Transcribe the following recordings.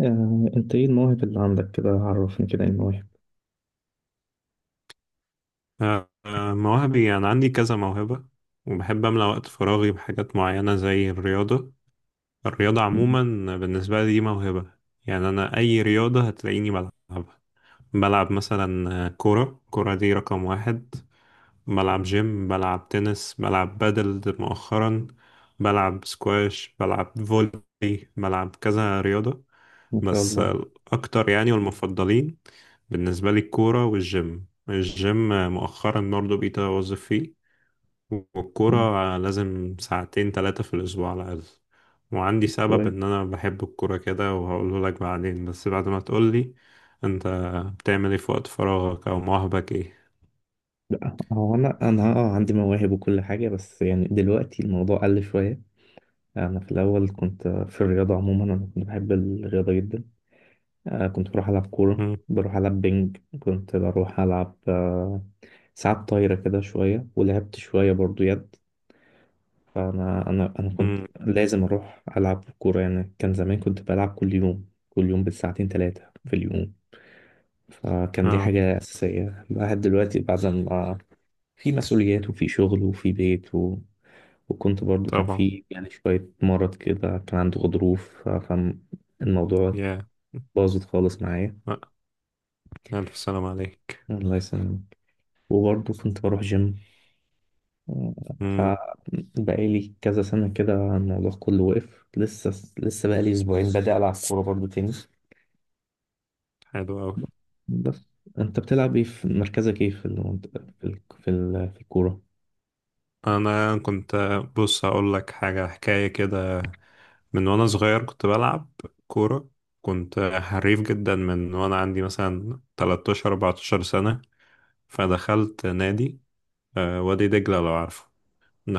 انت ايه المواهب اللي عندك كده؟ عرفني كده، ايه المواهب؟ مواهبي أنا عندي كذا موهبة وبحب أملأ وقت فراغي بحاجات معينة زي الرياضة مم، عموما بالنسبة لي دي موهبة. يعني أنا أي رياضة هتلاقيني بلعبها. بلعب مثلا كورة. الكورة دي رقم واحد. بلعب جيم، بلعب تنس، بلعب بادل مؤخرا، بلعب سكواش، بلعب فولي، بلعب كذا رياضة. ما شاء بس الله. الأكتر يعني والمفضلين بالنسبة لي الكورة والجيم. الجيم مؤخرا برضه بقيت أوظف فيه. مم، والكورة لازم ساعتين تلاتة في الأسبوع على الأقل. وعندي سبب كويس. إن أنا بحب الكورة كده وهقوله لك بعدين، بس بعد ما تقولي أنت. بتعمل إيه في وقت فراغك أو مواهبك إيه؟ لا هو انا عندي مواهب وكل حاجه، بس يعني دلوقتي الموضوع قل شويه. انا في الاول كنت في الرياضه عموما، انا كنت بحب الرياضه جدا. كنت بروح العب كوره، بروح العب بينج، كنت بروح العب ساعات طايره كده شويه، ولعبت شويه برضو يد. فانا انا انا كنت مم. لازم اروح العب كوره، يعني كان زمان كنت بلعب كل يوم، كل يوم بالساعتين ثلاثه في اليوم. فكان دي مم. حاجة أساسية. الواحد دلوقتي بعد ما في مسؤوليات وفي شغل وفي بيت و... وكنت برضو كان طبعا. في يعني شوية مرض كده، كان عنده غضروف فالموضوع يا باظت خالص معايا. لأ، ألف سلام عليك. الله يسلمك. وبرضو كنت بروح جيم، امم. فبقالي كذا سنة كده الموضوع كله وقف. لسه بقالي أسبوعين بدأ ألعب كورة برضو تاني. حلو أوي. بس أنت بتلعب إيه؟ في مركزك إيه في المنطقة في في الكورة؟ أنا كنت. بص هقول لك حاجة حكاية كده. من وأنا صغير كنت بلعب كورة. كنت حريف جدا من وأنا عندي مثلا 13 14 سنة. فدخلت نادي، وادي دجلة لو عارفه.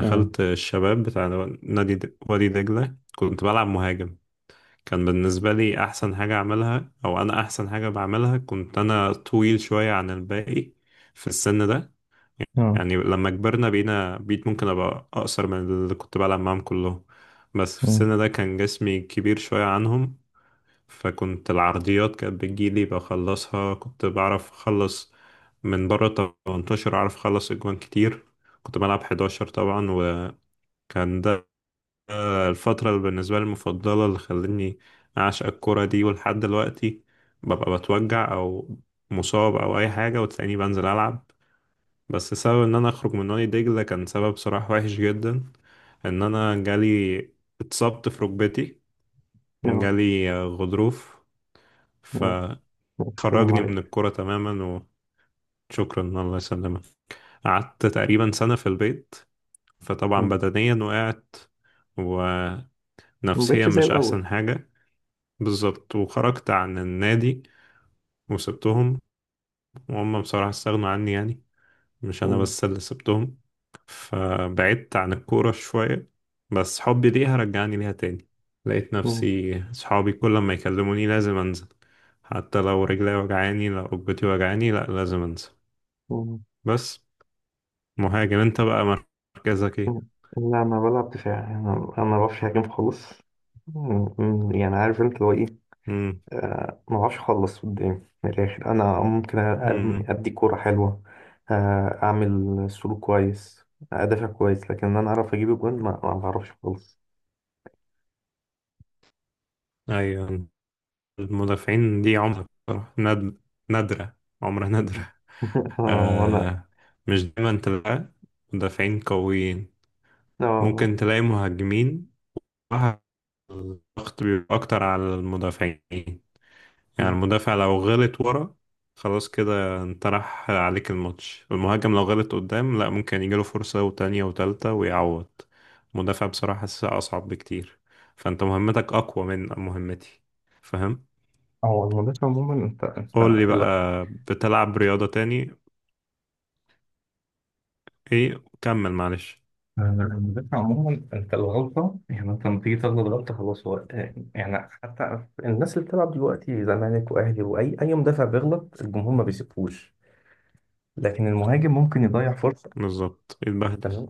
اه. الشباب بتاع نادي وادي دجلة. كنت بلعب مهاجم. كان بالنسبة لي أحسن حاجة أعملها أو أنا أحسن حاجة بعملها. كنت أنا طويل شوية عن الباقي في السن ده. اه. يعني لما كبرنا بقينا بقيت ممكن أبقى أقصر من اللي كنت بلعب معاهم كلهم، بس في آه. السن ده كان جسمي كبير شوية عنهم. فكنت العرضيات كانت بتجيلي بخلصها. كنت بعرف أخلص من بره 18، أعرف أخلص أجوان كتير. كنت بلعب 11 طبعا. وكان ده الفترة اللي بالنسبة لي المفضلة، اللي خلتني أعشق الكرة دي. ولحد دلوقتي ببقى بتوجع أو مصاب أو أي حاجة وتلاقيني بنزل ألعب. بس سبب إن أنا أخرج من نادي دجلة كان سبب صراحة وحش جدا. إن أنا جالي، اتصبت في ركبتي. اه. جالي غضروف اه. فخرجني السلام من عليك. الكرة تماما. وشكرا، الله يسلمك. قعدت تقريبا سنة في البيت. فطبعا آه، بدنيا وقعت ما بقتش ونفسيا زي مش الأول. أحسن حاجة. بالظبط. وخرجت عن النادي وسبتهم. وهم بصراحة استغنوا عني يعني، مش أنا آه. بس اللي سبتهم. فبعدت عن الكورة شوية. بس حبي ليها رجعني ليها تاني. لقيت آه، نفسي صحابي كل ما يكلموني لازم أنزل. حتى لو رجلي وجعاني لو ركبتي وجعاني لأ لازم أنزل. آه، بس مهاجم أنت بقى، مركزك إيه؟ آه. لا أنا بلعب دفاع، أنا ما بعرفش أهاجم خالص. يعني عارف أنت اللي هو إيه. مم. ما بعرفش أخلص قدام، من الآخر أنا ممكن مم. أدي كورة حلوة، أعمل سلوك كويس، أدافع كويس، لكن إن أنا أعرف أجيب الجون، ما بعرفش خالص. أيوة. المدافعين دي عمرها بصراحة نادرة. عمرها نادرة. وأنا آه. مش دايما تلاقي مدافعين قويين. آه. ممكن آه، تلاقي مهاجمين. صراحة الضغط بيبقى أكتر على المدافعين. يعني آه. المدافع لو غلط ورا خلاص كده انت راح عليك الماتش. المهاجم لو غلط قدام لا، ممكن يجيله فرصة وتانية وتالتة ويعوض. المدافع بصراحة حاسسها أصعب بكتير. فأنت مهمتك أقوى من مهمتي، فاهم. هو المدافع عموما انت قول لي بقى، بتلعب رياضة تاني ايه؟ كمل معلش. المذاكرة عموما، أنت الغلطة يعني، أنت لما تيجي تغلط غلطة خلاص. هو يعني حتى الناس اللي بتلعب دلوقتي، زمالك وأهلي، وأي أي مدافع بيغلط الجمهور ما بيسيبهوش، لكن المهاجم ممكن يضيع فرصة. بالظبط، اتبهدل. تمام.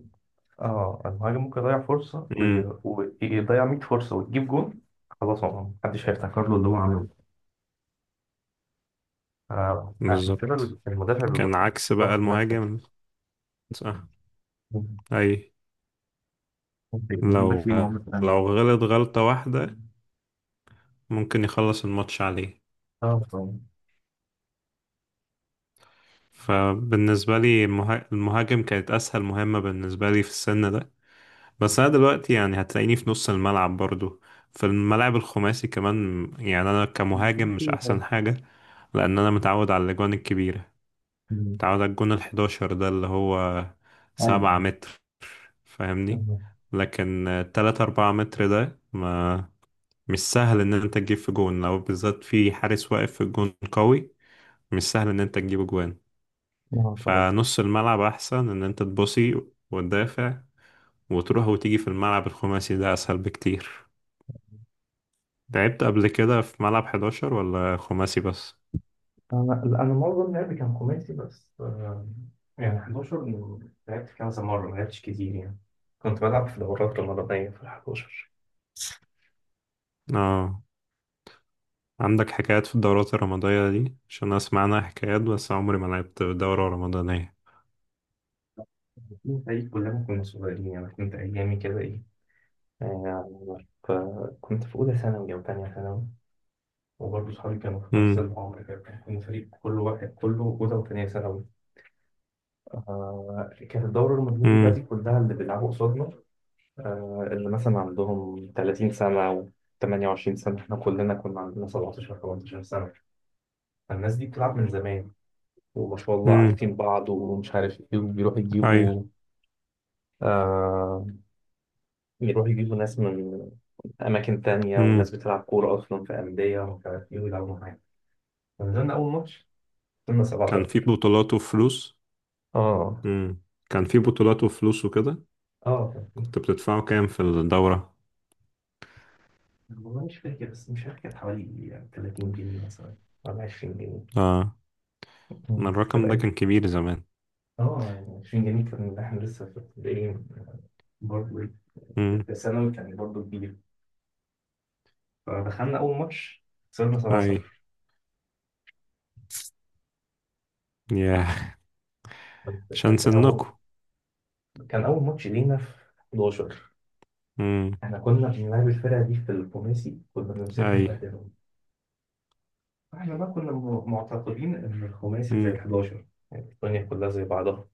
أه المهاجم ممكن يضيع فرصة ويضيع 100 فرصة وتجيب جون، خلاص هو محدش هيفتكر له اللي هو عمله. عشان كده بالظبط، المدافع بيبقى كان فيه عكس بقى ضغط نفسي، المهاجم. صح. اي. عندك لو في مهمة تانية. لو غلط غلطة واحدة ممكن يخلص الماتش عليه. اه طبعا. فبالنسبة لي المهاجم كانت أسهل مهمة بالنسبة لي في السن ده. بس أنا دلوقتي يعني هتلاقيني في نص الملعب برضو. في الملاعب الخماسي كمان يعني أنا كمهاجم مش أحسن حاجة، لأن أنا متعود على الأجوان الكبيرة. أمم. تعادل الجون الحداشر ده اللي هو ايوه. 7 متر، فاهمني. لكن تلاتة أربعة متر ده ما، مش سهل إن أنت تجيب في جون لو بالذات في حارس واقف في الجون قوي. مش سهل إن أنت تجيب جوان. اه طبعا. فنص الملعب أحسن إن أنت تبصي وتدافع وتروح وتيجي. في الملعب الخماسي ده أسهل بكتير. لعبت قبل كده في ملعب حداشر ولا خماسي بس؟ انا معظم لعبي كان خماسي بس، يعني 11 لعبت كذا مره، ما لعبتش كتير يعني. كنت بلعب في دورات رمضانيه في ال 11. اه. عندك حكايات في الدورات الرمضانية دي عشان أسمع عنها حكايات، بس عمري ما لعبت دورة رمضانية. كنا فريق كلنا كنا صغيرين، يعني كنت ايامي كده ايه، يعني كنت في اولى ثانوي او ثانيه ثانوي، وبرضه صحابي كانوا في نفس امم. العمر كده. كنا فريق كل واحد كله اولى وثانيه ثانوي. آه كانت الدوره الرمضانيه بقى دي امم. كلها اللي بيلعبوا قصادنا اللي مثلا عندهم 30 سنة أو 28 سنة، إحنا كلنا كنا عندنا 17 18 سنة. فالناس دي بتلعب من زمان، وما شاء الله امم. عارفين بعض، ومش عارف إيه، وبيروحوا أيوة. يجيبوا آه، يروحوا يجيبوا ناس من أماكن تانية، امم. وناس بتلعب كورة أصلا في أندية ومش عارف إيه، ويلعبوا معانا. فنزلنا أول ماتش كنا كان في 7-0. بطولات وفلوس. اه. امم. كان في بطولات وفلوس وكده. اه كان كنت فيه. بتدفعوا كام في الدورة؟ والله مش فاكر، بس مش فاكر، كانت حوالي 30 جنيه مثلا ولا 20 جنيه، اه. أنا بس الرقم ده كده. كان كبير زمان. اه 20 جنيه كان احنا لسه في ابتدائي، برضه إيه، امم. في ثانوي كان برضه كبير. فدخلنا أول ماتش خسرنا أي. 7-0. ياه. عشان كان سنكوا. أول كان أول ماتش لينا في 11. امم. احنا كنا بنلعب الفرقة دي في الخماسي كنا بنمسكها أي. نبهدلهم. احنا بقى كنا معتقدين إن الخماسي زي امم. ال 11، يعني الدنيا كلها زي بعضها،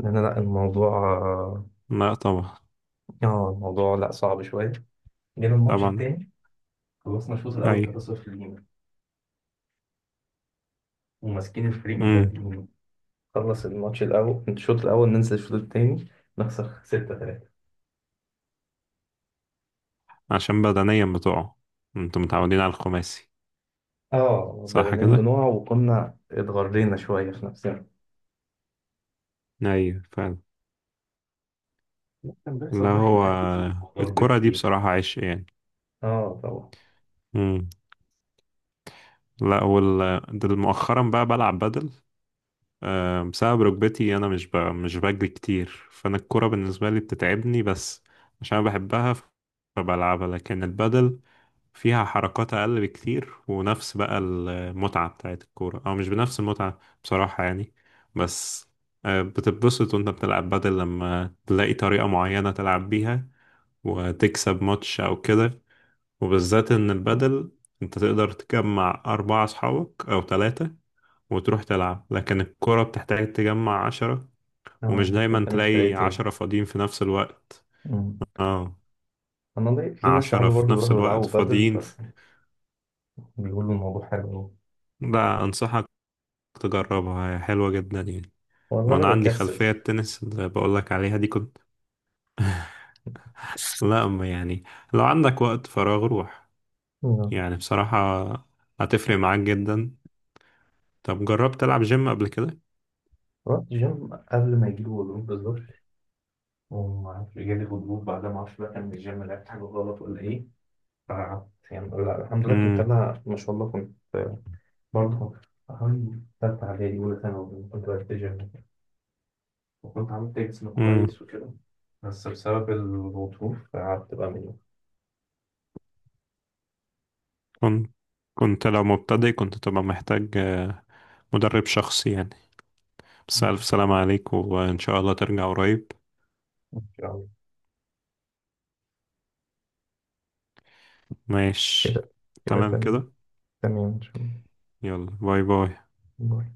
لأن لا الموضوع، لا طبعا. اه الموضوع لا صعب شوية. جينا الماتش طبعا. التاني، خلصنا الشوط الأول أي. 3-0 لينا وماسكين الفريق امم. مبهدلين. نخلص الماتش الأول الشوط الأول، ننزل الشوط التاني، نخسر ستة تلاتة. عشان بدنيا بتوعه، انتوا متعودين على الخماسي. اه صح بدنيا كده؟ بنوع، وكنا اتغرينا شوية في نفسنا. ايوه فعلا. كان لا بيحصل بقى هو خناقات كتير وضرب الكرة دي كتير. بصراحة عشق يعني. اه طبعا. مم. لا ده مؤخرا بقى بلعب بدل بسبب ركبتي. أنا مش مش بجري كتير. فأنا الكرة بالنسبة لي بتتعبني، بس عشان أنا بحبها فبلعبها. لكن البدل فيها حركات أقل بكتير، ونفس بقى المتعة بتاعت الكورة. أو مش بنفس المتعة بصراحة يعني. بس بتتبسط وأنت بتلعب بدل لما تلاقي طريقة معينة تلعب بيها وتكسب ماتش أو كده. وبالذات ان البدل انت تقدر تجمع اربعة اصحابك او ثلاثة وتروح تلعب. لكن الكرة بتحتاج تجمع 10. ومش اه دايما انت من تلاقي فرقتين. 10 فاضيين في نفس الوقت. أمم. اه. انا في ناس 10 صحابي في برضه نفس بيروحوا الوقت يلعبوا بادل فاضيين. بس، بيقولوا الموضوع حلو أوي. لا انصحك تجربها، هي حلوة جدا يعني. والله انا وانا عندي بكسل. خلفية التنس اللي بقولك عليها دي كنت. لا أما يعني لو عندك وقت فراغ روح. أمم. يعني بصراحة هتفرق معاك جدا. طب جربت تلعب جيم قبل كده؟ رحت جيم قبل ما يجيلي غضروف بالظبط، وما اعرفش جالي غضروف بعدها، ما اعرفش بقى كان من الجيم لعبت حاجه غلط ولا ايه. آه. يعني لا الحمد لله كنت أنا، ما شاء الله كنت برضه حوالي تالتة إعدادي أولى ثانوي كنت بلتزم، وكنت عملت جسم امم. كويس وكده. بس بسبب الظروف قعدت بقى منه. كنت كنت لو مبتدئ كنت تبقى محتاج مدرب شخصي يعني. بس ألف سلامة عليك وإن شاء الله ترجع قريب. إن شاء الله. ماشي. كده كده تمام تمام. كده. تمام إن شاء يلا باي باي. الله.